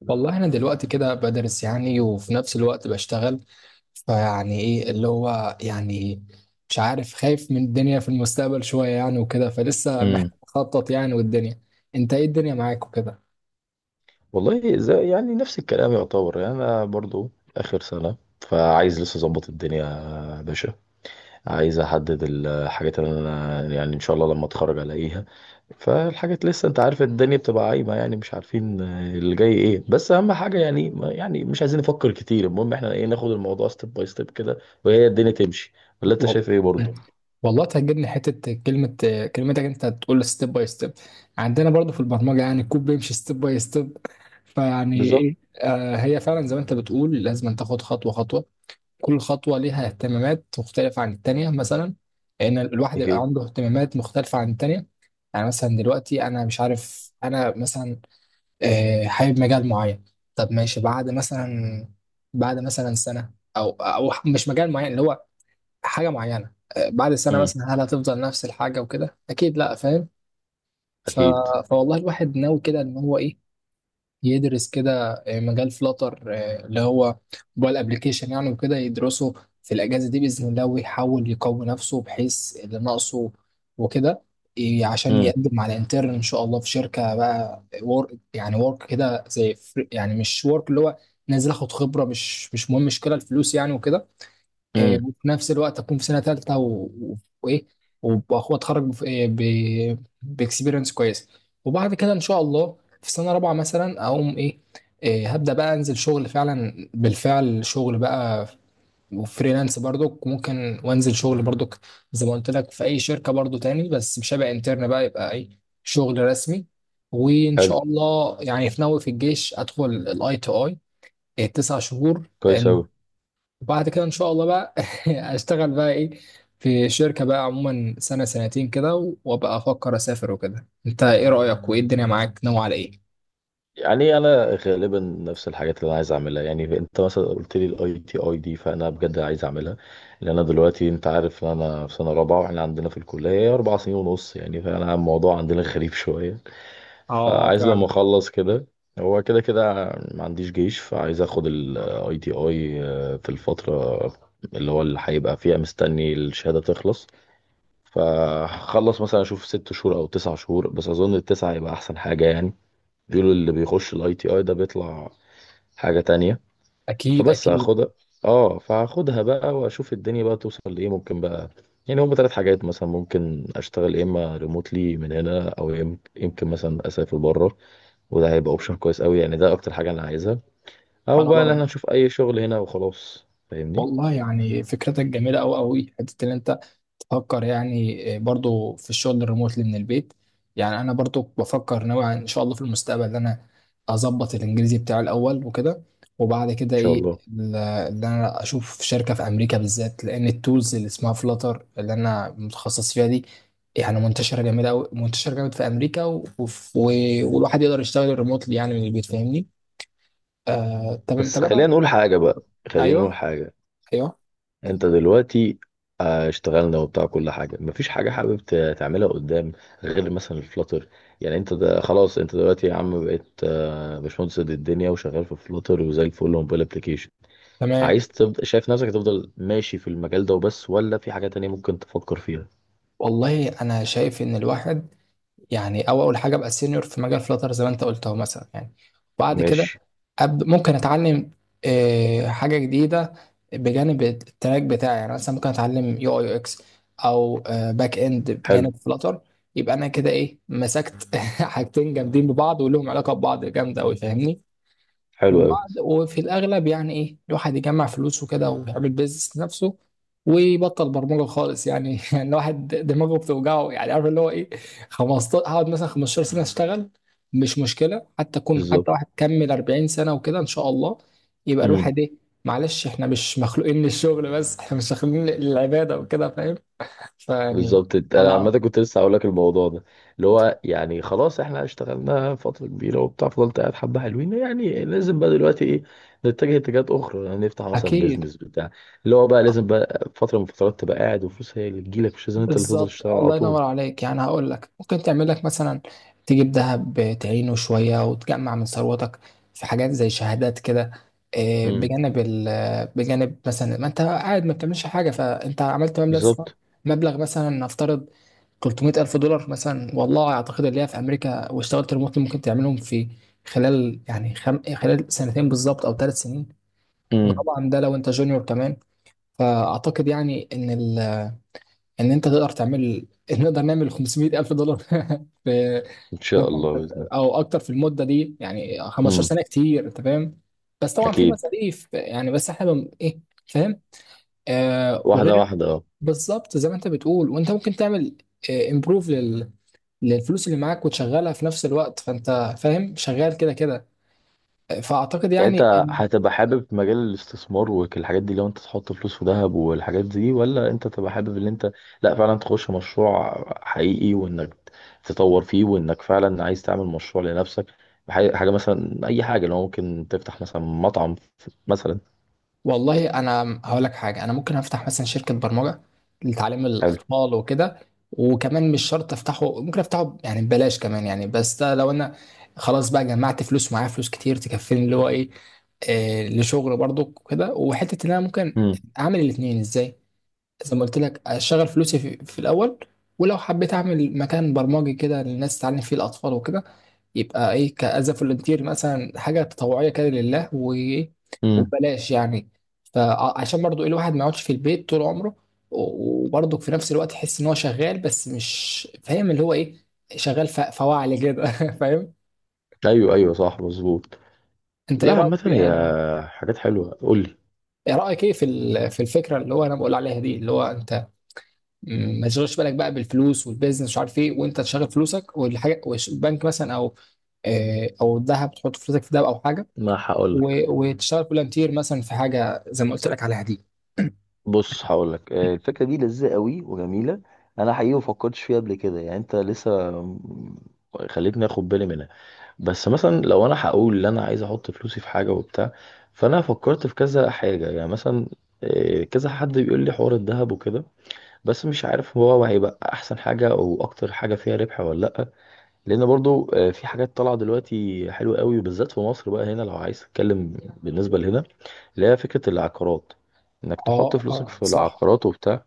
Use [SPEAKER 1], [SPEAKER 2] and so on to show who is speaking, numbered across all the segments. [SPEAKER 1] والله انا دلوقتي كده بدرس يعني، وفي نفس الوقت بشتغل. فيعني ايه اللي هو يعني مش عارف، خايف من الدنيا في المستقبل شوية يعني وكده. فلسه محتاج
[SPEAKER 2] امم
[SPEAKER 1] اخطط يعني، والدنيا. انت ايه الدنيا معاك وكده؟
[SPEAKER 2] والله، زي يعني نفس الكلام يعتبر. يعني انا برضو اخر سنه، فعايز لسه اظبط الدنيا يا باشا. عايز احدد الحاجات اللي انا يعني ان شاء الله لما اتخرج الاقيها. فالحاجات لسه انت عارف الدنيا بتبقى عايمه، يعني مش عارفين اللي جاي ايه. بس اهم حاجه يعني مش عايزين نفكر كتير، المهم احنا ايه ناخد الموضوع ستيب باي ستيب كده وهي الدنيا تمشي. ولا انت
[SPEAKER 1] وال-
[SPEAKER 2] شايف ايه برضو؟
[SPEAKER 1] والله تهجرني حتة كلمة. كلمتك انت تقول ستيب باي ستيب، عندنا برضو في البرمجة يعني الكود بيمشي ستيب باي ستيب. فيعني
[SPEAKER 2] بالظبط.
[SPEAKER 1] ايه؟ آه، هي فعلا زي ما انت بتقول، لازم أن تاخد خطوة خطوة. كل خطوة ليها اهتمامات مختلفة عن التانية مثلا، لأن الواحد يبقى
[SPEAKER 2] اكيد.
[SPEAKER 1] عنده اهتمامات مختلفة عن التانية. يعني مثلا دلوقتي أنا مش عارف، أنا مثلا حابب مجال معين. طب ماشي، بعد مثلا، بعد مثلا سنة، أو مش مجال معين، اللي هو حاجة معينة، بعد سنة
[SPEAKER 2] امم.
[SPEAKER 1] مثلا هل هتفضل نفس الحاجة وكده؟ أكيد لأ، فاهم؟ ف...
[SPEAKER 2] اكيد.
[SPEAKER 1] فوالله الواحد ناوي كده إن هو إيه، يدرس كده مجال فلاتر، اللي هو موبايل ابلكيشن يعني، وكده يدرسه في الاجازه دي باذن الله، ويحاول يقوي نفسه بحيث اللي ناقصه وكده. عشان
[SPEAKER 2] امم.
[SPEAKER 1] يقدم على انترن ان شاء الله في شركه بقى، ورك يعني، ورك كده زي يعني مش ورك اللي هو نازل اخد خبره. مش مهم مش كده الفلوس يعني وكده. إيه،
[SPEAKER 2] امم.
[SPEAKER 1] وفي نفس الوقت اكون في سنه ثالثه و- وايه، وأخو اتخرج إيه، باكسبيرينس كويسه. وبعد كده ان شاء الله في سنه رابعه مثلا اقوم ايه، إيه هبدا بقى انزل شغل، فعلا بالفعل شغل بقى. وفريلانس برضك ممكن، وانزل شغل برضك زي ما قلت لك في اي شركه برضو تاني، بس مش هبقى انترن بقى، يبقى ايه، شغل رسمي. وان
[SPEAKER 2] حلو.
[SPEAKER 1] شاء الله يعني في ناوي في الجيش ادخل الاي تو اي تسع شهور،
[SPEAKER 2] كويس
[SPEAKER 1] لان
[SPEAKER 2] اوي.
[SPEAKER 1] وبعد كده ان شاء الله بقى اشتغل بقى ايه في شركة بقى عموما سنة سنتين كده وابقى افكر اسافر وكده. انت ايه رأيك، وايه الدنيا معاك ناوي على ايه؟
[SPEAKER 2] يعني انا غالبا نفس الحاجات اللي انا عايز اعملها. يعني انت مثلا قلت لي الاي تي اي دي، فانا بجد عايز اعملها. لان انا دلوقتي انت عارف ان انا في سنه رابعه، واحنا عندنا في الكليه 4 سنين ونص يعني. فانا الموضوع عندنا غريب شويه.
[SPEAKER 1] اه، اه
[SPEAKER 2] فعايز لما
[SPEAKER 1] فعلا.
[SPEAKER 2] اخلص كده. هو كده كده ما عنديش جيش، فعايز اخد الاي تي اي في الفتره اللي هو اللي هيبقى فيها مستني الشهاده تخلص. فهخلص مثلا اشوف 6 شهور او 9 شهور، بس اظن التسعه هيبقى احسن حاجه يعني. بيقولوا اللي بيخش الاي تي اي ده بيطلع حاجة تانية.
[SPEAKER 1] اكيد
[SPEAKER 2] فبس
[SPEAKER 1] اكيد.
[SPEAKER 2] هاخدها. اه فهاخدها بقى واشوف الدنيا بقى توصل لايه ممكن بقى. يعني هما ثلاث حاجات مثلا ممكن اشتغل، يا اما ريموتلي من هنا او يمكن مثلا اسافر بره، وده هيبقى اوبشن كويس قوي يعني، ده اكتر حاجة انا عايزها. او
[SPEAKER 1] انا
[SPEAKER 2] بقى ان
[SPEAKER 1] برضه،
[SPEAKER 2] انا اشوف اي شغل هنا وخلاص فاهمني. ان
[SPEAKER 1] والله يعني فكرتك جميلة قوي قوي، حتة ان انت بفكر يعني برضو في الشغل الريموتلي من البيت. يعني انا برضو بفكر نوعا ان شاء الله في المستقبل ان انا اظبط الانجليزي بتاعي الاول وكده، وبعد كده
[SPEAKER 2] شاء
[SPEAKER 1] ايه
[SPEAKER 2] الله.
[SPEAKER 1] ان انا اشوف شركه في امريكا بالذات، لان التولز اللي اسمها فلاتر اللي انا متخصص فيها دي يعني منتشره جامد قوي، منتشره جامد في امريكا والواحد يقدر يشتغل ريموتلي يعني من البيت، فاهمني؟ آه تمام،
[SPEAKER 2] بس
[SPEAKER 1] طب انا.
[SPEAKER 2] خلينا نقول حاجة بقى، خلينا نقول
[SPEAKER 1] ايوه.
[SPEAKER 2] حاجة.
[SPEAKER 1] ايوه.
[SPEAKER 2] انت دلوقتي اشتغلنا وبتاع كل حاجه، مفيش حاجه حابب تعملها قدام غير مثلا الفلاتر. يعني انت ده خلاص، انت دلوقتي يا عم بقيت باشمهندس قد الدنيا وشغال في فلاتر وزي الفل وموبايل ابلكيشن.
[SPEAKER 1] تمام.
[SPEAKER 2] عايز تبدا، شايف نفسك تفضل ماشي في المجال ده وبس، ولا في حاجه تانية ممكن تفكر فيها؟
[SPEAKER 1] والله انا شايف ان الواحد يعني، او اول حاجه ابقى سينيور في مجال فلاتر زي ما انت قلت اهو مثلا يعني. بعد كده
[SPEAKER 2] ماشي.
[SPEAKER 1] ممكن اتعلم حاجه جديده بجانب التراك بتاعي، يعني مثلا ممكن اتعلم يو اي يو اكس، او باك اند
[SPEAKER 2] حلو.
[SPEAKER 1] بجانب فلاتر. يبقى انا كده ايه، مسكت حاجتين جامدين ببعض، ولهم علاقه ببعض جامده قوي، فاهمني؟
[SPEAKER 2] حلو قوي.
[SPEAKER 1] وبعد، وفي الأغلب يعني إيه، الواحد يجمع فلوس وكده ويعمل بيزنس لنفسه، ويبطل برمجة خالص يعني يعني الواحد دماغه بتوجعه، يعني عارف اللي هو إيه. 15 هقعد مثلا 15 سنة أشتغل، مش مشكلة، حتى أكون حتى
[SPEAKER 2] بالظبط.
[SPEAKER 1] واحد كمل 40 سنة وكده إن شاء الله. يبقى
[SPEAKER 2] مم.
[SPEAKER 1] الواحد إيه، معلش، إحنا مش مخلوقين للشغل بس، إحنا مش مخلوقين للعبادة وكده، فاهم؟ فيعني
[SPEAKER 2] بالظبط، انا عامه
[SPEAKER 1] أنا.
[SPEAKER 2] كنت لسه هقول لك الموضوع ده، اللي هو يعني خلاص احنا اشتغلنا فتره كبيره وبتاع فضلت قاعد حبه حلوين يعني. لازم بقى دلوقتي ايه نتجه اتجاهات اخرى، يعني نفتح مثلا
[SPEAKER 1] أكيد.
[SPEAKER 2] بيزنس بتاع اللي هو بقى لازم بقى فتره من الفترات تبقى قاعد وفلوس هي اللي تجيلك، مش لازم انت اللي تفضل
[SPEAKER 1] بالظبط،
[SPEAKER 2] تشتغل على
[SPEAKER 1] الله
[SPEAKER 2] طول.
[SPEAKER 1] ينور عليك. يعني هقول لك، ممكن تعمل لك مثلا، تجيب ذهب تعينه شوية، وتجمع من ثروتك في حاجات زي شهادات كده، إيه،
[SPEAKER 2] امم.
[SPEAKER 1] بجانب ال، بجانب مثلا ما انت قاعد ما بتعملش حاجة، فانت عملت مبلغ
[SPEAKER 2] بالظبط.
[SPEAKER 1] مبلغ مثلا، نفترض 300 ألف دولار مثلا، والله أعتقد اللي هي في أمريكا واشتغلت ريموتلي ممكن تعملهم في خلال يعني خلال سنتين بالظبط، أو ثلاث سنين،
[SPEAKER 2] امم.
[SPEAKER 1] وطبعا ده لو أنت جونيور كمان. فأعتقد يعني إن، ان انت تقدر تعمل، نقدر نعمل 500 الف دولار في،
[SPEAKER 2] ان شاء الله باذن الله.
[SPEAKER 1] او اكتر في المده دي. يعني 15
[SPEAKER 2] امم.
[SPEAKER 1] سنه كتير، انت فاهم. بس طبعا في
[SPEAKER 2] اكيد.
[SPEAKER 1] مصاريف يعني، بس احنا ايه، فاهم. آه،
[SPEAKER 2] واحده
[SPEAKER 1] وغير،
[SPEAKER 2] واحده اه.
[SPEAKER 1] بالظبط زي ما انت بتقول، وانت ممكن تعمل امبروف للفلوس اللي معاك، وتشغلها في نفس الوقت، فانت فاهم شغال كده كده. فاعتقد
[SPEAKER 2] يعني
[SPEAKER 1] يعني.
[SPEAKER 2] انت هتبقى حابب مجال الاستثمار والحاجات دي، لو انت تحط فلوس في ذهب والحاجات دي، ولا انت تبقى حابب ان انت لا فعلا تخش مشروع حقيقي، وانك تطور فيه، وانك فعلا عايز تعمل مشروع لنفسك حاجة مثلا؟ اي حاجة، لو ممكن تفتح مثلا مطعم مثلا.
[SPEAKER 1] والله انا هقول لك حاجه، انا ممكن افتح مثلا شركه برمجه لتعليم
[SPEAKER 2] حلو.
[SPEAKER 1] الاطفال وكده، وكمان مش شرط افتحه، ممكن افتحه يعني ببلاش كمان يعني، بس ده لو انا خلاص بقى جمعت فلوس، معايا فلوس كتير تكفيني، اللي هو ايه، آه، لشغل برضو كده، وحته ان انا ممكن
[SPEAKER 2] امم.
[SPEAKER 1] اعمل الاثنين ازاي. زي ما قلت لك، اشغل فلوسي في الاول، ولو حبيت اعمل مكان برمجي كده للناس تعلم فيه الاطفال وكده، يبقى ايه، كأز فولنتير مثلا، حاجه تطوعيه كده لله
[SPEAKER 2] امم.
[SPEAKER 1] وببلاش يعني. فعشان برضو ايه، الواحد ما يقعدش في البيت طول عمره، وبرضو في نفس الوقت يحس ان هو شغال، بس مش فاهم اللي هو ايه، شغال فواعلي كده فاهم؟
[SPEAKER 2] ايوه ايوه. صح مظبوط.
[SPEAKER 1] انت
[SPEAKER 2] لا،
[SPEAKER 1] ايه رايك
[SPEAKER 2] عامة
[SPEAKER 1] فيه
[SPEAKER 2] هي
[SPEAKER 1] يعني؟
[SPEAKER 2] حاجات حلوة، قول لي.
[SPEAKER 1] ايه رايك ايه في في الفكره اللي هو انا بقول عليها دي، اللي هو انت ما تشغلش بالك بقى بالفلوس والبيزنس مش عارف ايه، وانت تشغل فلوسك والحاجه والبنك مثلا، او او الذهب، تحط فلوسك في دهب او حاجه،
[SPEAKER 2] ما هقول لك.
[SPEAKER 1] وتشتغل فولنتير مثلا في حاجه زي ما قلت لك عليها دي.
[SPEAKER 2] بص هقول لك، الفكره دي لذيذه قوي وجميله. انا حقيقي ما فكرتش فيها قبل كده. يعني انت لسه خليتني اخد بالي منها. بس مثلا لو انا هقول ان انا عايز احط فلوسي في حاجه وبتاع، فانا فكرت في كذا حاجه يعني. مثلا كذا حد بيقول لي حوار الذهب وكده، بس مش عارف هو هيبقى احسن حاجه او اكتر حاجه فيها ربح ولا لا. لان برضو في حاجات طالعه دلوقتي حلوه قوي، وبالذات في مصر بقى هنا لو عايز تتكلم بالنسبه لهنا، اللي هي فكره العقارات، انك تحط
[SPEAKER 1] اه،
[SPEAKER 2] فلوسك
[SPEAKER 1] اه
[SPEAKER 2] في
[SPEAKER 1] صح.
[SPEAKER 2] العقارات وبتاع.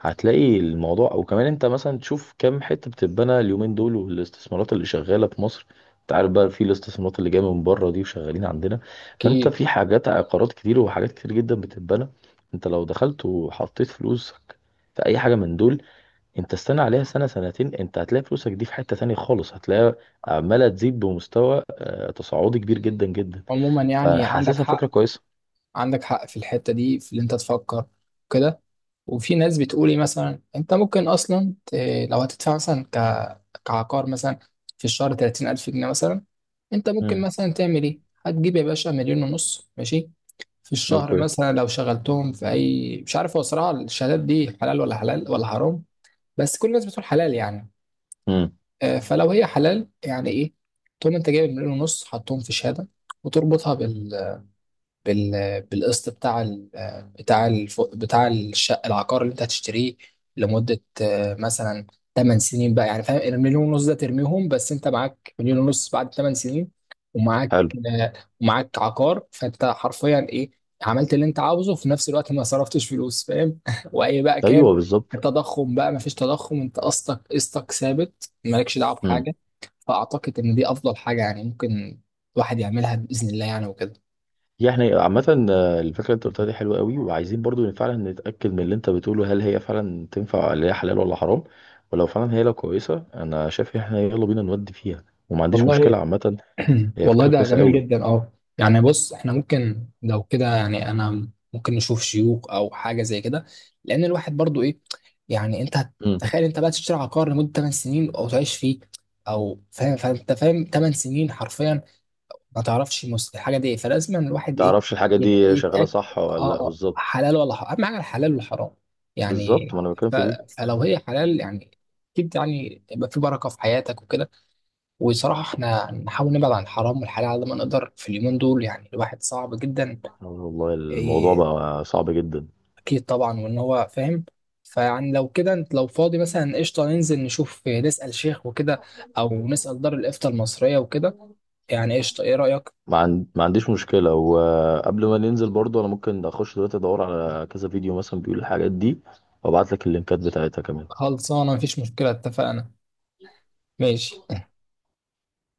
[SPEAKER 2] هتلاقي الموضوع، وكمان انت مثلا تشوف كام حته بتتبنى اليومين دول والاستثمارات اللي شغاله في مصر. انت عارف بقى في الاستثمارات اللي جايه من بره دي وشغالين عندنا. فانت
[SPEAKER 1] اكيد.
[SPEAKER 2] في حاجات عقارات كتير وحاجات كتير جدا بتتبنى. انت لو دخلت وحطيت فلوسك في اي حاجه من دول، انت استنى عليها سنة سنتين، انت هتلاقي فلوسك دي في حتة تانية خالص. هتلاقيها عمالة تزيد بمستوى تصاعدي كبير جدا جدا،
[SPEAKER 1] عموما يعني عندك
[SPEAKER 2] فحاسسها فكرة
[SPEAKER 1] حق،
[SPEAKER 2] كويسة.
[SPEAKER 1] عندك حق في الحته دي، في اللي انت تفكر كده. وفي ناس بتقولي مثلا انت ممكن اصلا لو هتدفع مثلا كعقار مثلا في الشهر 30,000 جنيه مثلا، انت ممكن
[SPEAKER 2] امم.
[SPEAKER 1] مثلا تعمل ايه. هتجيب يا باشا مليون ونص، ماشي، في الشهر
[SPEAKER 2] اوكي.
[SPEAKER 1] مثلا لو شغلتهم في اي، مش عارف هو صراحه الشهادات دي حلال ولا حلال ولا حرام، بس كل الناس بتقول حلال يعني.
[SPEAKER 2] امم.
[SPEAKER 1] فلو هي حلال، يعني ايه، تقوم انت جايب مليون ونص حطهم في شهاده، وتربطها بال، بالقسط بتاع بتاع بتاع الشقه العقار اللي انت هتشتريه لمده مثلا 8 سنين بقى يعني، فاهم، المليون ونص ده ترميهم بس، انت معاك مليون ونص بعد 8 سنين، ومعاك
[SPEAKER 2] حلو.
[SPEAKER 1] آه، ومعاك عقار، فانت حرفيا ايه، عملت اللي انت عاوزه في نفس الوقت ما صرفتش فلوس، فاهم واي بقى كان
[SPEAKER 2] ايوه بالظبط.
[SPEAKER 1] التضخم بقى، ما فيش تضخم، انت قسطك، قسطك ثابت، مالكش دعوه
[SPEAKER 2] امم.
[SPEAKER 1] بحاجه. فاعتقد ان دي افضل حاجه يعني ممكن الواحد يعملها باذن الله يعني وكده.
[SPEAKER 2] يعني عامة الفكرة اللي انت قلتها دي حلوة قوي، وعايزين برضو فعلا نتأكد من اللي انت بتقوله هل هي فعلا تنفع، اللي هي حلال ولا حرام. ولو فعلا هي لو كويسة، انا شايف ان احنا يلا بينا نودي فيها، وما عنديش مشكلة
[SPEAKER 1] والله
[SPEAKER 2] عامة. هي
[SPEAKER 1] والله
[SPEAKER 2] فكرة
[SPEAKER 1] ده
[SPEAKER 2] كويسة
[SPEAKER 1] جميل
[SPEAKER 2] قوي.
[SPEAKER 1] جدا، اه. يعني بص، احنا ممكن لو كده يعني، انا ممكن نشوف شيوخ او حاجه زي كده، لان الواحد برضو ايه، يعني انت
[SPEAKER 2] امم.
[SPEAKER 1] تخيل انت بقى تشتري عقار لمده 8 سنين او تعيش فيه، او فاهم، فانت فاهم 8 سنين حرفيا ما تعرفش الحاجه دي ايه، فلازم الواحد ايه،
[SPEAKER 2] تعرفش الحاجة دي شغالة
[SPEAKER 1] يتاكد.
[SPEAKER 2] صح ولا لا؟
[SPEAKER 1] اه، اه
[SPEAKER 2] بالظبط.
[SPEAKER 1] حلال ولا حرام، اهم حاجه الحلال والحرام
[SPEAKER 2] بالظبط،
[SPEAKER 1] يعني.
[SPEAKER 2] ما انا بتكلم
[SPEAKER 1] ف...
[SPEAKER 2] في دي.
[SPEAKER 1] فلو هي حلال يعني، اكيد يعني يبقى في بركه في حياتك وكده. وصراحة احنا نحاول نبعد عن الحرام والحلال على ما نقدر في اليومين دول، يعني الواحد صعب جدا.
[SPEAKER 2] والله الموضوع
[SPEAKER 1] إيه،
[SPEAKER 2] بقى صعب جدا.
[SPEAKER 1] أكيد طبعا، وإن هو فاهم. فيعني لو كده انت لو فاضي مثلا قشطة، ننزل نشوف، إيه، نسأل شيخ وكده، أو نسأل دار الإفتاء المصرية وكده يعني، قشطة، إيه رأيك؟
[SPEAKER 2] ما عنديش مشكلة. وقبل ما ننزل برضو انا ممكن اخش دلوقتي ادور على كذا فيديو مثلا بيقول الحاجات دي، وابعت لك اللينكات بتاعتها كمان.
[SPEAKER 1] خلصانة، مفيش مشكلة، اتفقنا، ماشي.